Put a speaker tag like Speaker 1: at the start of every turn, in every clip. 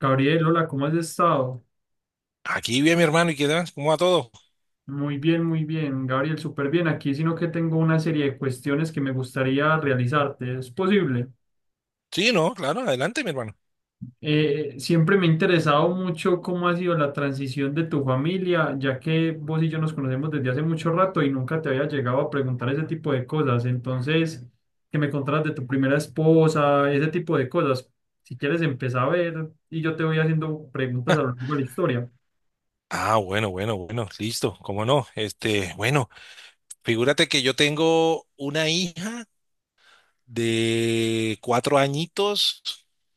Speaker 1: Gabriel, hola, ¿cómo has estado?
Speaker 2: Aquí vi a mi hermano y qué tal, ¿cómo va todo?
Speaker 1: Muy bien, Gabriel, súper bien aquí, sino que tengo una serie de cuestiones que me gustaría realizarte. ¿Es posible?
Speaker 2: Sí, no, claro, adelante, mi hermano.
Speaker 1: Siempre me ha interesado mucho cómo ha sido la transición de tu familia, ya que vos y yo nos conocemos desde hace mucho rato y nunca te había llegado a preguntar ese tipo de cosas. Entonces, que me contaras de tu primera esposa, ese tipo de cosas. Si quieres, empezar a ver y yo te voy haciendo preguntas a lo largo de la historia.
Speaker 2: Ah, bueno, bueno, bueno, listo, cómo no. Este, bueno, figúrate que yo tengo una hija de 4 añitos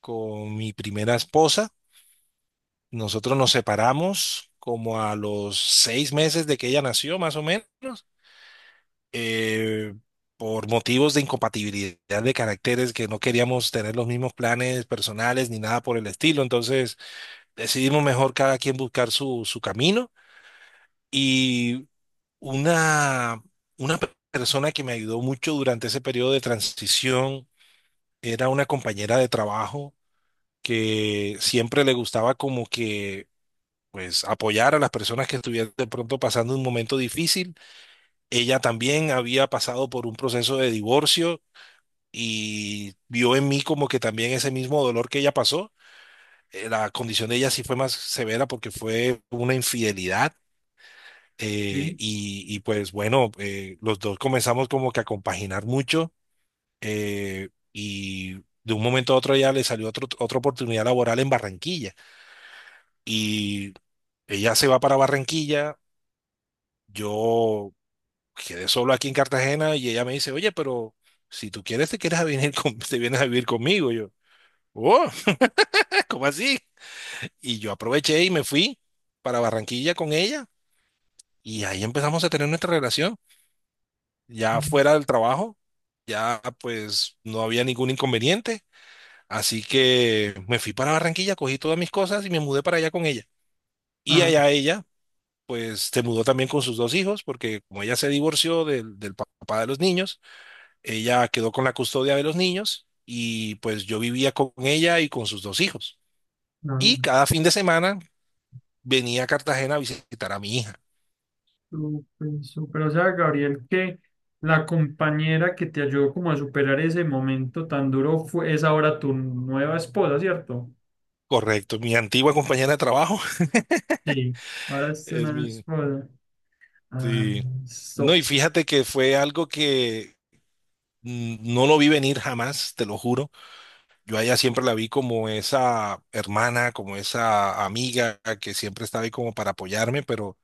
Speaker 2: con mi primera esposa. Nosotros nos separamos como a los 6 meses de que ella nació, más o menos, eh, por motivos de incompatibilidad de caracteres que no queríamos tener los mismos planes personales ni nada por el estilo. Entonces, decidimos mejor cada quien buscar su camino y una, una persona que me ayudó mucho durante ese periodo de transición era una compañera de trabajo que siempre le gustaba como que pues apoyar a las personas que estuvieran de pronto pasando un momento difícil. Ella también había pasado por un proceso de divorcio y vio en mí como que también ese mismo dolor que ella pasó. La condición de ella sí fue más severa porque fue una infidelidad.
Speaker 1: Sí.
Speaker 2: Pues bueno, los dos comenzamos como que a compaginar mucho, y de un momento a otro ya le salió otra oportunidad laboral en Barranquilla y ella se va para Barranquilla, yo quedé solo aquí en Cartagena y ella me dice, oye, pero si tú quieres te quieres a venir te vienes a vivir conmigo. Yo, oh, ¿cómo así? Y yo aproveché y me fui para Barranquilla con ella y ahí empezamos a tener nuestra relación. Ya fuera del trabajo, ya pues no había ningún inconveniente. Así que me fui para Barranquilla, cogí todas mis cosas y me mudé para allá con ella. Y
Speaker 1: Ah,
Speaker 2: allá ella, pues se mudó también con sus 2 hijos, porque como ella se divorció del papá de los niños, ella quedó con la custodia de los niños y pues yo vivía con ella y con sus 2 hijos.
Speaker 1: no.
Speaker 2: Y cada fin de semana venía a Cartagena a visitar a mi hija.
Speaker 1: Súper, súper. O sea, Gabriel, que la compañera que te ayudó como a superar ese momento tan duro fue, es ahora tu nueva esposa, ¿cierto?
Speaker 2: Correcto, mi antigua compañera de trabajo
Speaker 1: Sí, ahora es
Speaker 2: es
Speaker 1: una
Speaker 2: mi.
Speaker 1: esposa. Ah,
Speaker 2: Sí. No,
Speaker 1: so-
Speaker 2: y fíjate que fue algo que no lo vi venir jamás, te lo juro. Yo a ella siempre la vi como esa hermana, como esa amiga que siempre estaba ahí como para apoyarme, pero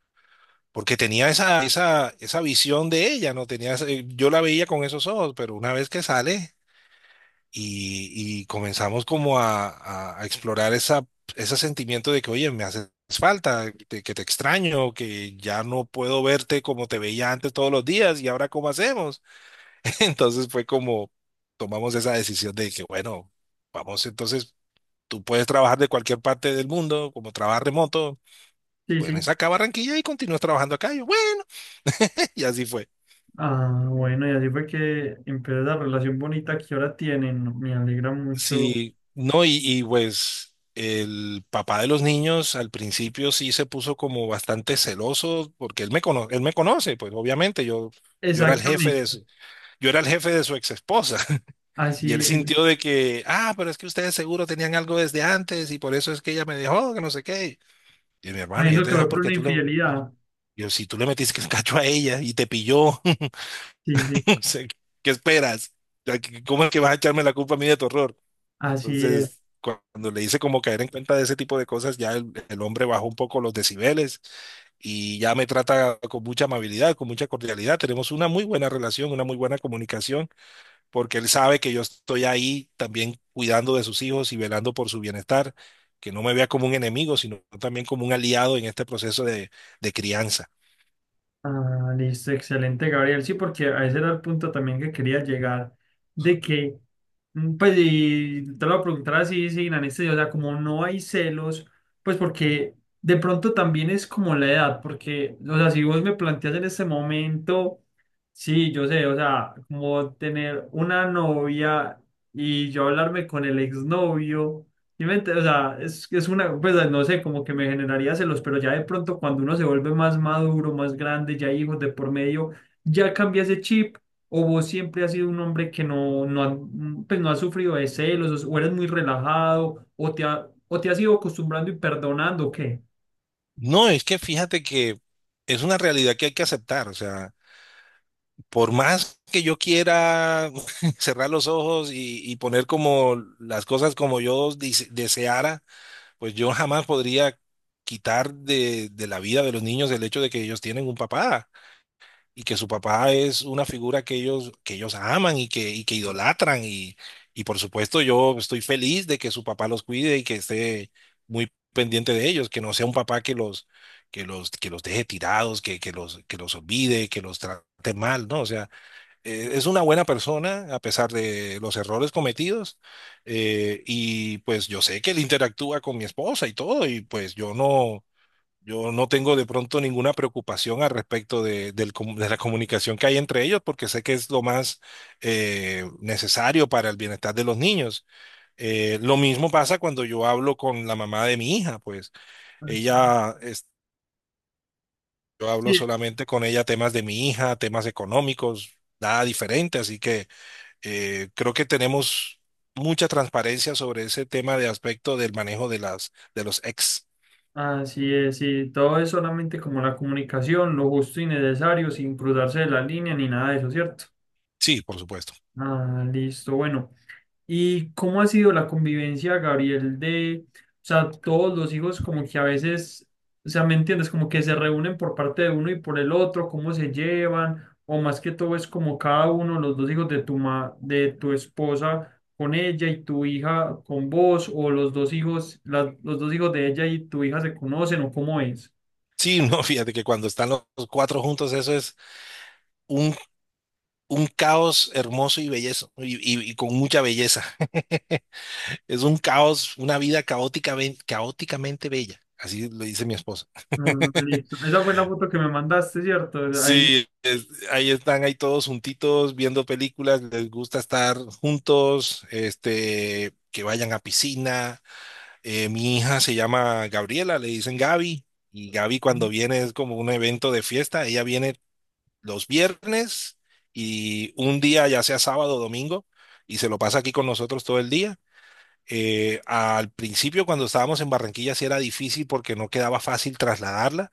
Speaker 2: porque tenía esa visión de ella, ¿no? Tenía, yo la veía con esos ojos, pero una vez que sale y comenzamos como a explorar esa, ese sentimiento de que, oye, me haces falta, que te extraño, que ya no puedo verte como te veía antes todos los días y ahora cómo hacemos. Entonces fue como tomamos esa decisión de que, bueno, vamos, entonces tú puedes trabajar de cualquier parte del mundo, como trabajas remoto,
Speaker 1: sí,
Speaker 2: puedes
Speaker 1: sí.
Speaker 2: acá a Barranquilla y continúas trabajando acá. Y yo, bueno, y así fue.
Speaker 1: Ah, bueno, y así fue que empezó la relación bonita que ahora tienen. Me alegra mucho.
Speaker 2: Sí, no, y pues el papá de los niños al principio sí se puso como bastante celoso porque él él me conoce, pues obviamente yo, yo era el jefe
Speaker 1: Exactamente.
Speaker 2: de yo era el jefe de su ex esposa y
Speaker 1: Así
Speaker 2: él
Speaker 1: es.
Speaker 2: sintió de que, ah, pero es que ustedes seguro tenían algo desde antes y por eso es que ella me dejó, que no sé qué. Y mi hermano, ya
Speaker 1: Sabiendo
Speaker 2: te
Speaker 1: que
Speaker 2: dejó
Speaker 1: fue por
Speaker 2: porque
Speaker 1: una infidelidad.
Speaker 2: yo, si tú le metiste el cacho a ella y te pilló.
Speaker 1: Sí, sí.
Speaker 2: No sé, ¿qué esperas? O sea, ¿cómo es que vas a echarme la culpa a mí de tu error?
Speaker 1: Así es.
Speaker 2: Entonces, cuando le hice como caer en cuenta de ese tipo de cosas, ya el hombre bajó un poco los decibeles y ya me trata con mucha amabilidad, con mucha cordialidad. Tenemos una muy buena relación, una muy buena comunicación, porque él sabe que yo estoy ahí también cuidando de sus hijos y velando por su bienestar, que no me vea como un enemigo, sino también como un aliado en este proceso de crianza.
Speaker 1: Ah, listo, excelente, Gabriel. Sí, porque a ese era el punto también que quería llegar, de que, pues, y te lo voy a preguntar así, sin anestesia, o sea, como no hay celos, pues porque de pronto también es como la edad, porque, o sea, si vos me planteas en este momento, sí, yo sé, o sea, como tener una novia y yo hablarme con el exnovio. Sí, o sea, es una, pues no sé, como que me generaría celos, pero ya de pronto cuando uno se vuelve más maduro, más grande, ya hay hijos de por medio, ya cambia ese chip, o vos siempre has sido un hombre que pues no has sufrido de celos, o eres muy relajado, o o te has ido acostumbrando y perdonando, ¿o qué?
Speaker 2: No, es que fíjate que es una realidad que hay que aceptar, o sea. Por más que yo quiera cerrar los ojos y poner como las cosas como yo deseara, pues yo jamás podría quitar de la vida de los niños el hecho de que ellos tienen un papá y que su papá es una figura que ellos aman y que idolatran. Y por supuesto yo estoy feliz de que su papá los cuide y que esté muy pendiente de ellos, que no sea un papá que los... Que los, que los deje tirados, que los olvide, que los trate mal, ¿no? O sea, es una buena persona a pesar de los errores cometidos. Y pues yo sé que él interactúa con mi esposa y todo y pues yo no, yo no tengo de pronto ninguna preocupación al respecto de, de la comunicación que hay entre ellos porque sé que es lo más necesario para el bienestar de los niños. Lo mismo pasa cuando yo hablo con la mamá de mi hija, pues
Speaker 1: Así es.
Speaker 2: ella... Yo
Speaker 1: Sí,
Speaker 2: hablo solamente con ella temas de mi hija, temas económicos, nada diferente, así que creo que tenemos mucha transparencia sobre ese tema de aspecto del manejo de las de los ex.
Speaker 1: así es, sí, todo es solamente como la comunicación, lo justo y necesario, sin cruzarse de la línea ni nada de eso, ¿cierto?
Speaker 2: Sí, por supuesto.
Speaker 1: Ah, listo, bueno. ¿Y cómo ha sido la convivencia, Gabriel, de, o sea, todos los hijos como que a veces, o sea, ¿me entiendes? Como que se reúnen por parte de uno y por el otro, cómo se llevan, o más que todo es como cada uno, los dos hijos de de tu esposa con ella y tu hija con vos, o los dos hijos, los dos hijos de ella y tu hija se conocen, o cómo es.
Speaker 2: Sí, no, fíjate que cuando están los cuatro juntos, eso es un, un caos hermoso y bellezo, y con mucha belleza. Es un caos, una vida caótica, caóticamente bella. Así lo dice mi esposa.
Speaker 1: Ah, listo. Esa fue la foto que me mandaste, ¿cierto? Ahí,
Speaker 2: Sí, ahí están, ahí todos juntitos, viendo películas, les gusta estar juntos, este, que vayan a piscina. Mi hija se llama Gabriela, le dicen Gaby, y Gaby cuando viene es como un evento de fiesta, ella viene los viernes y un día, ya sea sábado o domingo, y se lo pasa aquí con nosotros todo el día. Al principio cuando estábamos en Barranquilla sí era difícil porque no quedaba fácil trasladarla,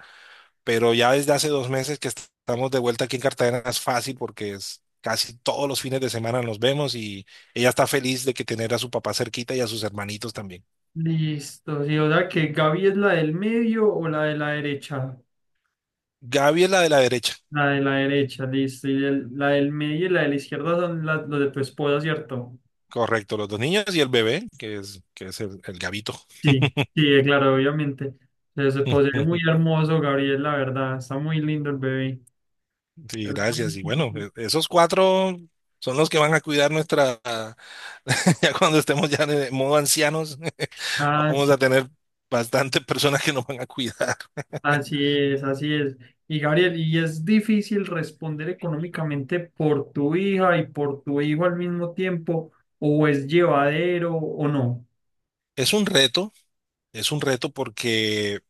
Speaker 2: pero ya desde hace 2 meses que estamos de vuelta aquí en Cartagena es fácil porque es casi todos los fines de semana nos vemos y ella está feliz de que tener a su papá cerquita y a sus hermanitos también.
Speaker 1: listo. Sí, o sea, que Gaby es la del medio o la de la derecha.
Speaker 2: Gaby es la de la derecha.
Speaker 1: La de la derecha, listo. Y la del medio y la de la izquierda son las, los de tu esposa, ¿cierto?
Speaker 2: Correcto, los dos niños y el bebé, que es el gabito.
Speaker 1: Sí, sí, claro, obviamente. Se posee muy hermoso, Gabriel, la verdad. Está muy lindo el bebé.
Speaker 2: Sí,
Speaker 1: Hermoso,
Speaker 2: gracias. Y bueno,
Speaker 1: chiquito.
Speaker 2: esos cuatro son los que van a cuidar nuestra, ya cuando estemos ya en modo ancianos,
Speaker 1: Ah,
Speaker 2: vamos a
Speaker 1: sí,
Speaker 2: tener bastantes personas que nos van a cuidar.
Speaker 1: así es, así es. Y Gabriel, y es difícil responder económicamente por tu hija y por tu hijo al mismo tiempo, o es llevadero o no.
Speaker 2: Es un reto, es un reto porque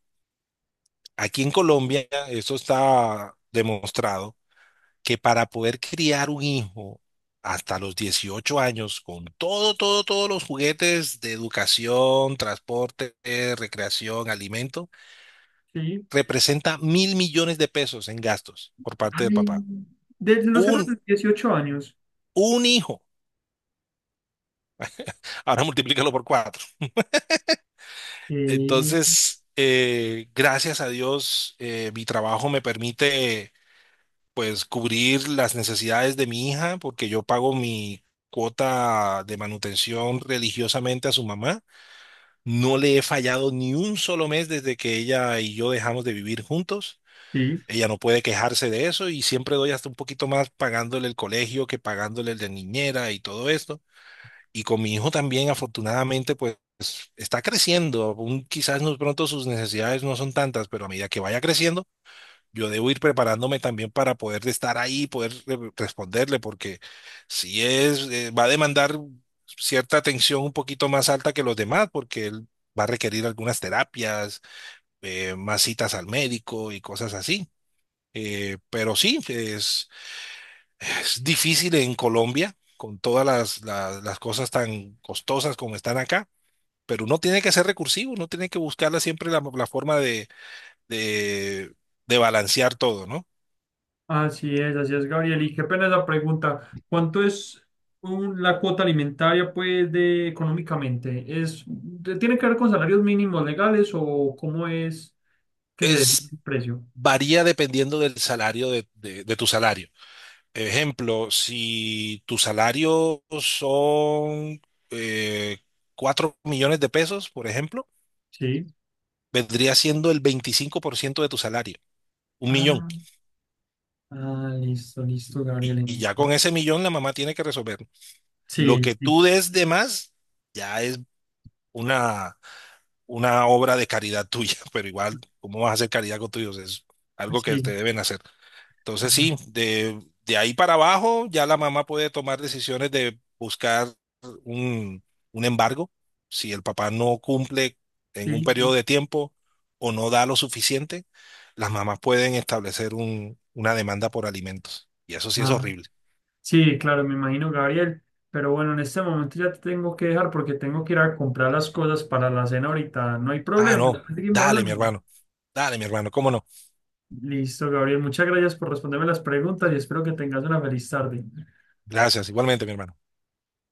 Speaker 2: aquí en Colombia eso está demostrado que para poder criar un hijo hasta los 18 años con todo, todo, todos los juguetes de educación, transporte, recreación, alimento,
Speaker 1: Sí.
Speaker 2: representa 1.000 millones de pesos en gastos por parte de
Speaker 1: Ay,
Speaker 2: papá.
Speaker 1: desde los 0 a
Speaker 2: Un,
Speaker 1: los 18 años.
Speaker 2: un hijo. Ahora multiplícalo por cuatro.
Speaker 1: Sí,
Speaker 2: Entonces, gracias a Dios, mi trabajo me permite pues cubrir las necesidades de mi hija porque yo pago mi cuota de manutención religiosamente a su mamá. No le he fallado ni un solo mes desde que ella y yo dejamos de vivir juntos.
Speaker 1: sí.
Speaker 2: Ella no puede quejarse de eso y siempre doy hasta un poquito más pagándole el colegio que pagándole el de niñera y todo esto. Y con mi hijo también, afortunadamente, pues está creciendo. Aún quizás no pronto sus necesidades no son tantas, pero a medida que vaya creciendo, yo debo ir preparándome también para poder estar ahí, poder responderle, porque si es, va a demandar cierta atención un poquito más alta que los demás, porque él va a requerir algunas terapias, más citas al médico y cosas así. Pero sí, es difícil en Colombia, con todas las cosas tan costosas como están acá. Pero uno tiene que ser recursivo, uno tiene que buscarla siempre la forma de, de balancear todo, ¿no?
Speaker 1: Así es, Gabriel. Y qué pena esa pregunta. ¿Cuánto es la cuota alimentaria, pues, de económicamente? ¿Es, tiene que ver con salarios mínimos legales o cómo es que se define
Speaker 2: Es,
Speaker 1: el precio?
Speaker 2: varía dependiendo del salario de tu salario. Ejemplo, si tu salario son eh, 4 millones de pesos, por ejemplo,
Speaker 1: Sí.
Speaker 2: vendría siendo el 25% de tu salario, un millón.
Speaker 1: Ah, ah, listo, listo, Gabriel.
Speaker 2: Y
Speaker 1: En-
Speaker 2: ya con ese millón la mamá tiene que resolver. Lo
Speaker 1: Sí,
Speaker 2: que
Speaker 1: sí,
Speaker 2: tú des de más ya es una, una obra de caridad tuya, pero igual, ¿cómo vas a hacer caridad con tus hijos? Es algo que te
Speaker 1: sí,
Speaker 2: deben hacer. Entonces
Speaker 1: ajá,
Speaker 2: sí, de ahí para abajo ya la mamá puede tomar decisiones de buscar un, un embargo si el papá no cumple en un
Speaker 1: sí,
Speaker 2: periodo
Speaker 1: sí.
Speaker 2: de tiempo o no da lo suficiente, las mamás pueden establecer una demanda por alimentos. Y eso sí es
Speaker 1: Ah,
Speaker 2: horrible.
Speaker 1: sí, claro, me imagino, Gabriel. Pero bueno, en este momento ya te tengo que dejar porque tengo que ir a comprar las cosas para la cena ahorita. No hay
Speaker 2: Ah,
Speaker 1: problema.
Speaker 2: no,
Speaker 1: Seguimos
Speaker 2: dale, mi
Speaker 1: hablando.
Speaker 2: hermano, dale, mi hermano, ¿cómo no?
Speaker 1: Listo, Gabriel. Muchas gracias por responderme las preguntas y espero que tengas una feliz tarde.
Speaker 2: Gracias, igualmente, mi hermano.